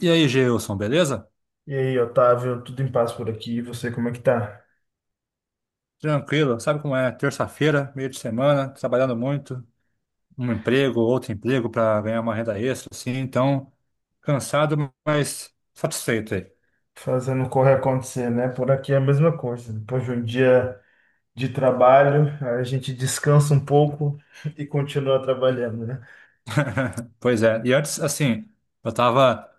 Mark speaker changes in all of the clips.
Speaker 1: E aí, Gilson, beleza?
Speaker 2: E aí, Otávio, tudo em paz por aqui? E você, como é que tá?
Speaker 1: Tranquilo, sabe como é? Terça-feira, meio de semana, trabalhando muito, um emprego, outro emprego para ganhar uma renda extra, assim, então, cansado, mas satisfeito aí.
Speaker 2: Fazendo correr acontecer, né? Por aqui é a mesma coisa. Depois de um dia de trabalho, a gente descansa um pouco e continua trabalhando, né?
Speaker 1: Pois é, e antes, assim, eu estava,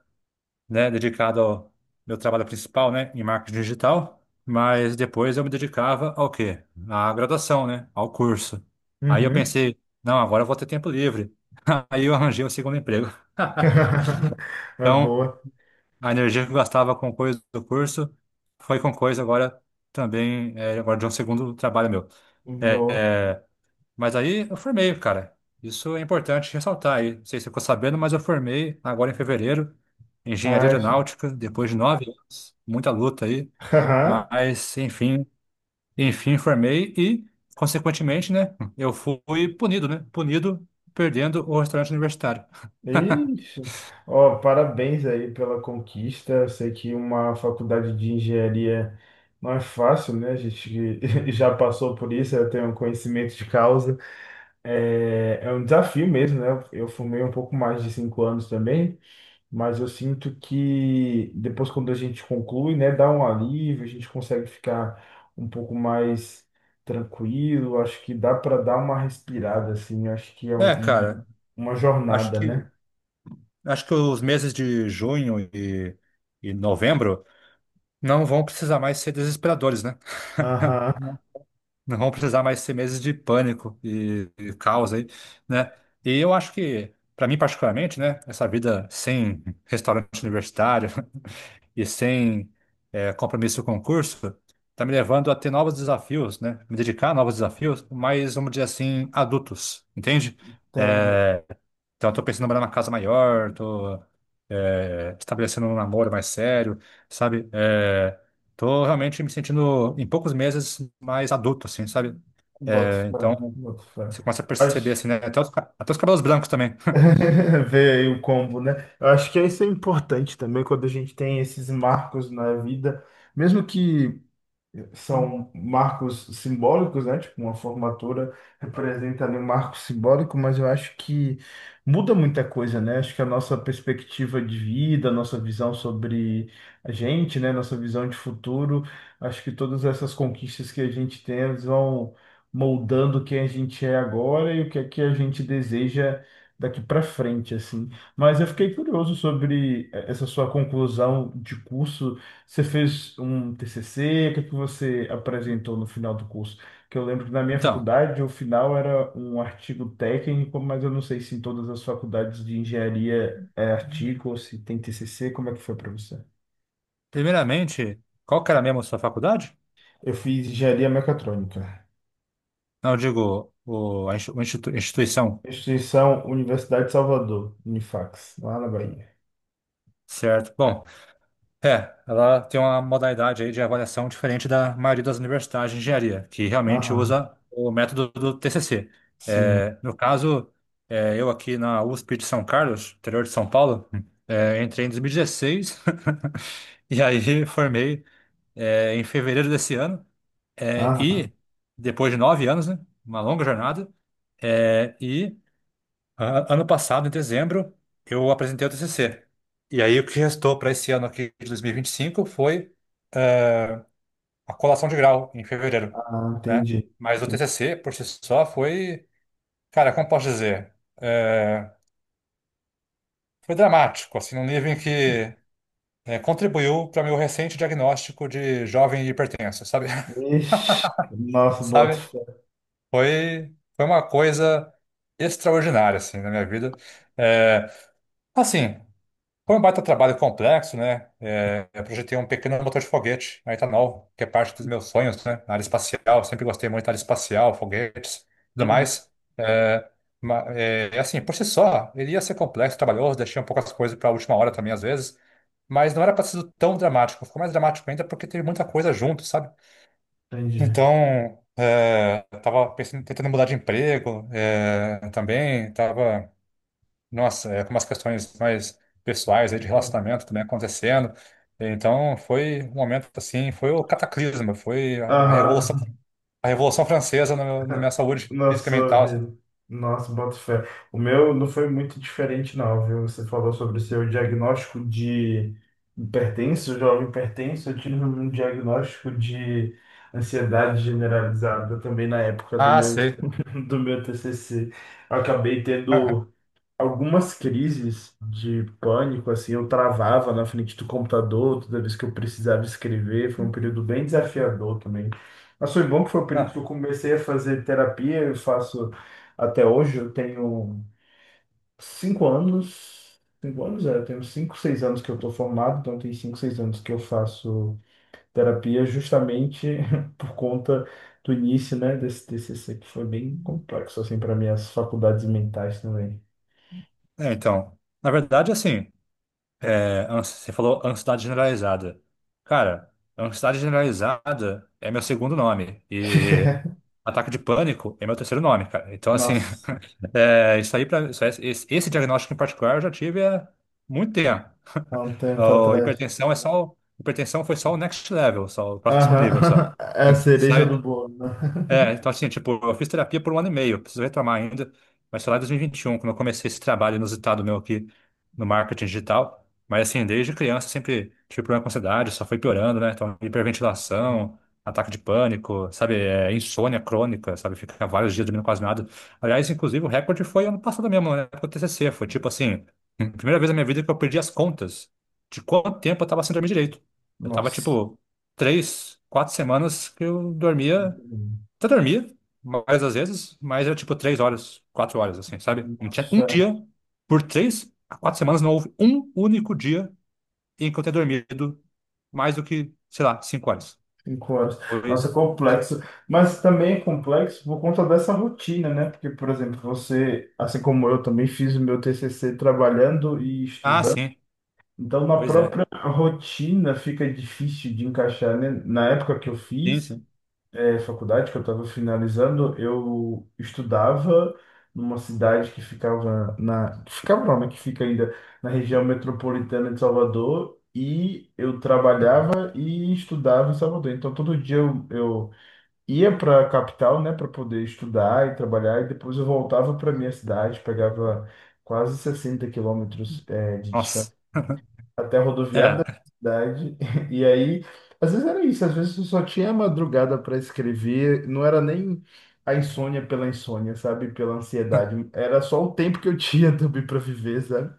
Speaker 1: né, dedicado ao meu trabalho principal, né, em marketing digital, mas depois eu me dedicava ao quê? À graduação, né, ao curso. Aí eu
Speaker 2: Uhum.
Speaker 1: pensei, não, agora eu vou ter tempo livre. Aí eu arranjei o segundo emprego.
Speaker 2: É
Speaker 1: Então,
Speaker 2: boa,
Speaker 1: a energia que eu gastava com coisa do curso foi com coisa agora também, agora de um segundo trabalho meu. É,
Speaker 2: boa.
Speaker 1: é, mas aí eu formei, cara. Isso é importante ressaltar aí. Não sei se você ficou sabendo, mas eu formei agora em fevereiro, engenharia
Speaker 2: Ah, isso.
Speaker 1: aeronáutica, depois de 9 anos, muita luta aí.
Speaker 2: Aham.
Speaker 1: Mas, enfim, formei e, consequentemente, né, eu fui punido, né? Punido perdendo o restaurante universitário.
Speaker 2: Ixi. Ó, parabéns aí pela conquista. Eu sei que uma faculdade de engenharia não é fácil, né? A gente já passou por isso, eu tenho um conhecimento de causa. É um desafio mesmo, né? Eu fumei um pouco mais de 5 anos também, mas eu sinto que depois, quando a gente conclui, né, dá um alívio, a gente consegue ficar um pouco mais tranquilo. Acho que dá para dar uma respirada, assim. Acho que é
Speaker 1: É, cara,
Speaker 2: uma
Speaker 1: acho
Speaker 2: jornada,
Speaker 1: que.
Speaker 2: né?
Speaker 1: acho que os meses de junho e novembro não vão precisar mais ser desesperadores, né?
Speaker 2: Aham,
Speaker 1: Não, não vão precisar mais ser meses de pânico e caos aí, né? E eu acho que, para mim particularmente, né, essa vida sem restaurante universitário e sem compromisso com o curso está me levando a ter novos desafios, né? Me dedicar a novos desafios, mas vamos dizer assim, adultos, entende?
Speaker 2: entendo.
Speaker 1: Eh, então, eu tô pensando em morar numa casa maior, tô estabelecendo um namoro mais sério, sabe? É, tô realmente me sentindo, em poucos meses, mais adulto, assim, sabe?
Speaker 2: Boto
Speaker 1: É,
Speaker 2: fé,
Speaker 1: então,
Speaker 2: boto fé.
Speaker 1: você começa a perceber,
Speaker 2: Acho...
Speaker 1: assim, né? Até até os cabelos brancos também.
Speaker 2: Vê aí o combo, né? Eu acho que isso é importante também quando a gente tem esses marcos na vida. Mesmo que. são marcos simbólicos, né? Tipo, uma formatura representa ali um marco simbólico, mas eu acho que muda muita coisa, né? Acho que a nossa perspectiva de vida, a nossa visão sobre a gente, né? Nossa visão de futuro, acho que todas essas conquistas que a gente tem, elas vão moldando quem a gente é agora e o que é que a gente deseja daqui para frente, assim. Mas eu fiquei curioso sobre essa sua conclusão de curso. Você fez um TCC? O que que você apresentou no final do curso? Que eu lembro que na minha
Speaker 1: Então,
Speaker 2: faculdade o final era um artigo técnico, mas eu não sei se em todas as faculdades de engenharia é artigo ou se tem TCC. Como é que foi para você?
Speaker 1: primeiramente, qual que era mesmo a sua faculdade?
Speaker 2: Eu fiz engenharia mecatrônica,
Speaker 1: Não, eu digo, instituição,
Speaker 2: instituição Universidade de Salvador, Unifax, lá na Bahia.
Speaker 1: certo? Bom, ela tem uma modalidade aí de avaliação diferente da maioria das universidades de engenharia, que realmente
Speaker 2: Aham,
Speaker 1: usa o método do TCC.
Speaker 2: sim.
Speaker 1: É, no caso, eu aqui na USP de São Carlos, interior de São Paulo, entrei em 2016 e dezesseis e aí formei em fevereiro desse ano. É,
Speaker 2: Aham,
Speaker 1: e depois de 9 anos, né, uma longa jornada, é, e ano passado, em dezembro, eu apresentei o TCC. E aí o que restou para esse ano aqui de dois mil e vinte e cinco foi eh, a colação de grau em fevereiro,
Speaker 2: aham,
Speaker 1: né?
Speaker 2: entendi.
Speaker 1: Mas o
Speaker 2: Entendi.
Speaker 1: TCC por si só foi, cara, como posso dizer, Eh, foi dramático, assim, num nível em que contribuiu para meu recente diagnóstico de jovem hipertenso, sabe?
Speaker 2: Ixi, nossa, boto
Speaker 1: Sabe?
Speaker 2: fé.
Speaker 1: Foi uma coisa extraordinária, assim, na minha vida. Eh, assim. Foi um baita trabalho complexo, né? É, eu projetei um pequeno motor de foguete, aí tá novo, que é parte dos meus sonhos, né? Na área espacial, sempre gostei muito da área espacial, foguetes, tudo mais. É, assim, por si só, ele ia ser complexo, trabalhoso, deixei um pouco as coisas para a última hora também, às vezes, mas não era para ser tão dramático. Ficou mais dramático ainda porque teve muita coisa junto, sabe?
Speaker 2: Entendi.
Speaker 1: Então, tava pensando, tentando mudar de emprego, também, tava nossa, com umas questões mais pessoais aí de relacionamento também acontecendo. Então foi um momento assim, foi o cataclisma, foi a revolução,
Speaker 2: Aham.
Speaker 1: a revolução francesa na minha saúde
Speaker 2: Na
Speaker 1: física e
Speaker 2: sua
Speaker 1: mental, assim.
Speaker 2: vida. Nossa, bota fé. O meu não foi muito diferente, não, viu? Você falou sobre o seu diagnóstico de hipertenso, jovem hipertenso. Eu tive um diagnóstico de ansiedade generalizada também na época do
Speaker 1: Ah,
Speaker 2: meu,
Speaker 1: sei.
Speaker 2: do meu TCC. Eu acabei tendo algumas crises de pânico, assim, eu travava na frente do computador toda vez que eu precisava escrever. Foi um período bem desafiador também. Mas foi bom que foi o período que
Speaker 1: Ah,
Speaker 2: eu comecei a fazer terapia. Eu faço até hoje, eu tenho 5 anos. 5 anos, eu tenho cinco, seis anos que eu estou formado, então tem cinco, seis anos que eu faço terapia justamente por conta do início, né, desse TCC, que foi bem complexo, assim, para minhas faculdades mentais também.
Speaker 1: então, na verdade, assim, você falou ansiedade generalizada. Cara, ansiedade generalizada é meu segundo nome e ataque de pânico é meu terceiro nome, cara. Então, assim,
Speaker 2: Nossa,
Speaker 1: Isso aí para esse diagnóstico em particular eu já tive há muito tempo.
Speaker 2: há um tempo
Speaker 1: A
Speaker 2: atrás.
Speaker 1: hipertensão foi só o next level, só o próximo nível, só.
Speaker 2: Aham, é a cereja do
Speaker 1: Sabe?
Speaker 2: bolo, né?
Speaker 1: Então assim, tipo, eu fiz terapia por um ano e meio, preciso retomar ainda, mas foi lá em 2021, quando eu comecei esse trabalho inusitado meu aqui no marketing digital. Mas assim, desde criança sempre tive problema com ansiedade, só foi piorando, né? Então, hiperventilação, ataque de pânico, sabe? Insônia crônica, sabe? Ficar vários dias dormindo quase nada. Aliás, inclusive, o recorde foi ano passado mesmo, né? Com o TCC, foi tipo assim, primeira vez na minha vida que eu perdi as contas de quanto tempo eu tava sem dormir direito. Eu tava,
Speaker 2: Nossa.
Speaker 1: tipo, 3, 4 semanas que eu dormia, até dormia mais às vezes, mas era tipo 3 horas, 4 horas, assim, sabe? Não tinha um
Speaker 2: Nossa,
Speaker 1: dia, por 3 a 4 semanas, não houve um único dia em que eu tenha dormido mais do que, sei lá, 5 horas.
Speaker 2: 5 horas.
Speaker 1: Foi...
Speaker 2: Nossa, é complexo. Mas também é complexo por conta dessa rotina, né? Porque, por exemplo, você, assim como eu, também fiz o meu TCC trabalhando e
Speaker 1: Ah,
Speaker 2: estudando.
Speaker 1: sim,
Speaker 2: Então, na
Speaker 1: pois é.
Speaker 2: própria rotina fica difícil de encaixar, né? Na época que eu
Speaker 1: Sim,
Speaker 2: fiz,
Speaker 1: sim.
Speaker 2: faculdade que eu estava finalizando, eu estudava numa cidade que ficava na, que ficava não, né, que fica ainda na região metropolitana de Salvador e eu
Speaker 1: Uhum.
Speaker 2: trabalhava e estudava em Salvador. Então todo dia eu ia para a capital, né, para poder estudar e trabalhar e depois eu voltava para minha cidade, pegava quase 60 quilômetros, de
Speaker 1: Nossa.
Speaker 2: distância até a rodoviária da
Speaker 1: É,
Speaker 2: cidade. E aí, às vezes era isso, às vezes eu só tinha a madrugada para escrever, não era nem a insônia pela insônia, sabe? Pela ansiedade. Era só o tempo que eu tinha também para viver, sabe?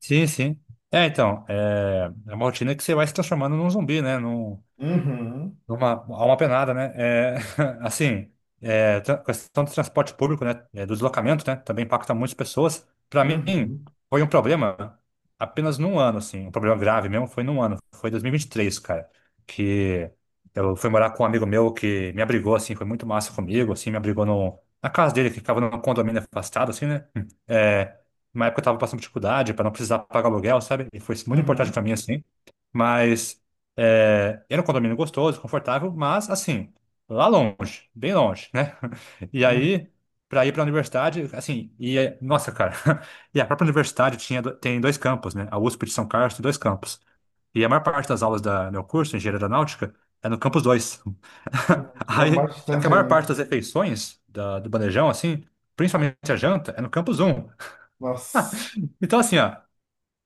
Speaker 1: sim, sim. Então, é uma rotina que você vai se transformando num zumbi, né? Num,
Speaker 2: Uhum,
Speaker 1: Uma, há uma penada, né? É, assim, questão do transporte público, né? Do deslocamento, né? Também impacta muitas pessoas. Para mim,
Speaker 2: uhum,
Speaker 1: foi um problema apenas num ano, assim. Um problema grave mesmo foi num ano. Foi dois mil e vinte e três, cara. Que eu fui morar com um amigo meu que me abrigou, assim. Foi muito massa comigo, assim. Me abrigou no, na casa dele, que ficava num condomínio afastado, assim, né? Uma época eu tava passando dificuldade para não precisar pagar aluguel, sabe? E foi muito importante
Speaker 2: uhum,
Speaker 1: para mim, assim. Mas era um condomínio gostoso, confortável, mas assim, lá longe, bem longe, né? E
Speaker 2: uhum,
Speaker 1: aí, para ir para a universidade, assim, nossa, cara, e a própria universidade tem dois campos, né? A USP de São Carlos tem dois campos. E a maior parte das aulas do meu curso, Engenharia Aeronáutica, é no campus 2.
Speaker 2: uhum. É o
Speaker 1: Aí,
Speaker 2: mais
Speaker 1: só que a
Speaker 2: distante
Speaker 1: maior
Speaker 2: ainda.
Speaker 1: parte das refeições do bandejão, assim, principalmente a janta, é no campus 1.
Speaker 2: Nossa.
Speaker 1: Então, assim, ó.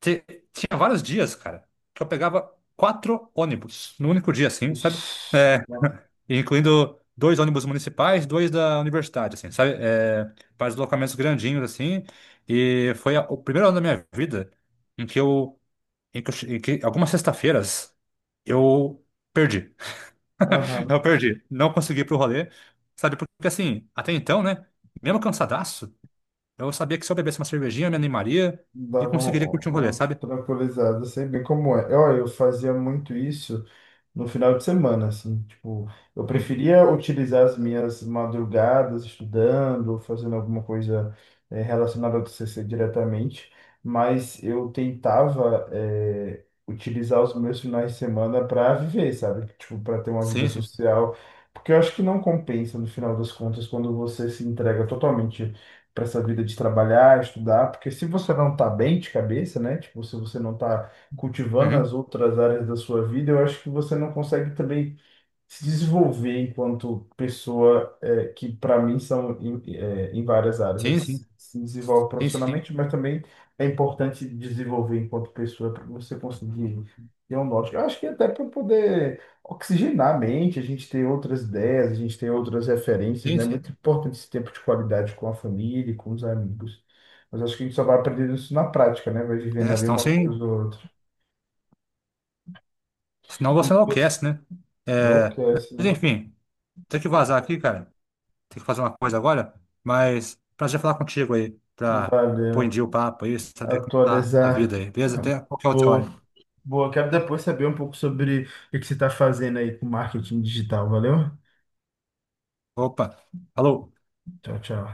Speaker 1: Te- Tinha vários dias, cara, que eu pegava quatro ônibus no único dia, assim, sabe?
Speaker 2: Ixi,
Speaker 1: É,
Speaker 2: nossa.
Speaker 1: Incluindo dois ônibus municipais, dois da universidade, assim, sabe? Para deslocamentos grandinhos, assim. E foi o primeiro ano da minha vida em que eu, em que algumas sextas-feiras eu perdi. Eu
Speaker 2: Aham.
Speaker 1: perdi. Não consegui ir pro rolê, sabe? Porque, assim, até então, né? Mesmo cansadaço, eu sabia que se eu bebesse uma cervejinha, eu me animaria e
Speaker 2: Dava uma,
Speaker 1: conseguiria curtir um rolê,
Speaker 2: uma
Speaker 1: sabe?
Speaker 2: tranquilizada, sei bem como é. Olha, eu fazia muito isso. No final de semana, assim, tipo, eu
Speaker 1: Uhum.
Speaker 2: preferia utilizar as minhas madrugadas estudando, fazendo alguma coisa relacionada ao TCC diretamente, mas eu tentava utilizar os meus finais de semana para viver, sabe? Tipo, para ter uma vida
Speaker 1: Sim, sim.
Speaker 2: social, porque eu acho que não compensa no final das contas quando você se entrega totalmente para essa vida de trabalhar, estudar, porque se você não tá bem de cabeça, né? Tipo, se você não tá cultivando
Speaker 1: Uhum.
Speaker 2: as outras áreas da sua vida, eu acho que você não consegue também se desenvolver enquanto pessoa que para mim são em várias
Speaker 1: Sim,
Speaker 2: áreas.
Speaker 1: sim,
Speaker 2: Se desenvolve
Speaker 1: sim, sim,
Speaker 2: profissionalmente, mas também é importante desenvolver enquanto pessoa para você conseguir ter um norte. Eu acho que até para poder oxigenar a mente, a gente ter outras ideias, a gente ter outras referências,
Speaker 1: sim,
Speaker 2: né? É muito
Speaker 1: sim.
Speaker 2: importante esse tempo de qualidade com a família, e com os amigos. Mas acho que a gente só vai aprendendo isso na prática, né? Vai vivendo
Speaker 1: É,
Speaker 2: ali
Speaker 1: senão,
Speaker 2: uma
Speaker 1: você,
Speaker 2: coisa ou outra. Quando você
Speaker 1: enlouquece, né? É,
Speaker 2: enlouquece,
Speaker 1: mas
Speaker 2: né?
Speaker 1: enfim, tem que vazar aqui, cara. Tem que fazer uma coisa agora, mas prazer falar contigo aí, pra pôr em
Speaker 2: Valeu.
Speaker 1: dia o papo aí, saber como tá a
Speaker 2: Atualizar.
Speaker 1: vida aí, beleza? Até qualquer outra
Speaker 2: Boa.
Speaker 1: hora.
Speaker 2: Boa. Quero depois saber um pouco sobre o que você está fazendo aí com marketing digital. Valeu?
Speaker 1: Opa, falou.
Speaker 2: Tchau, tchau.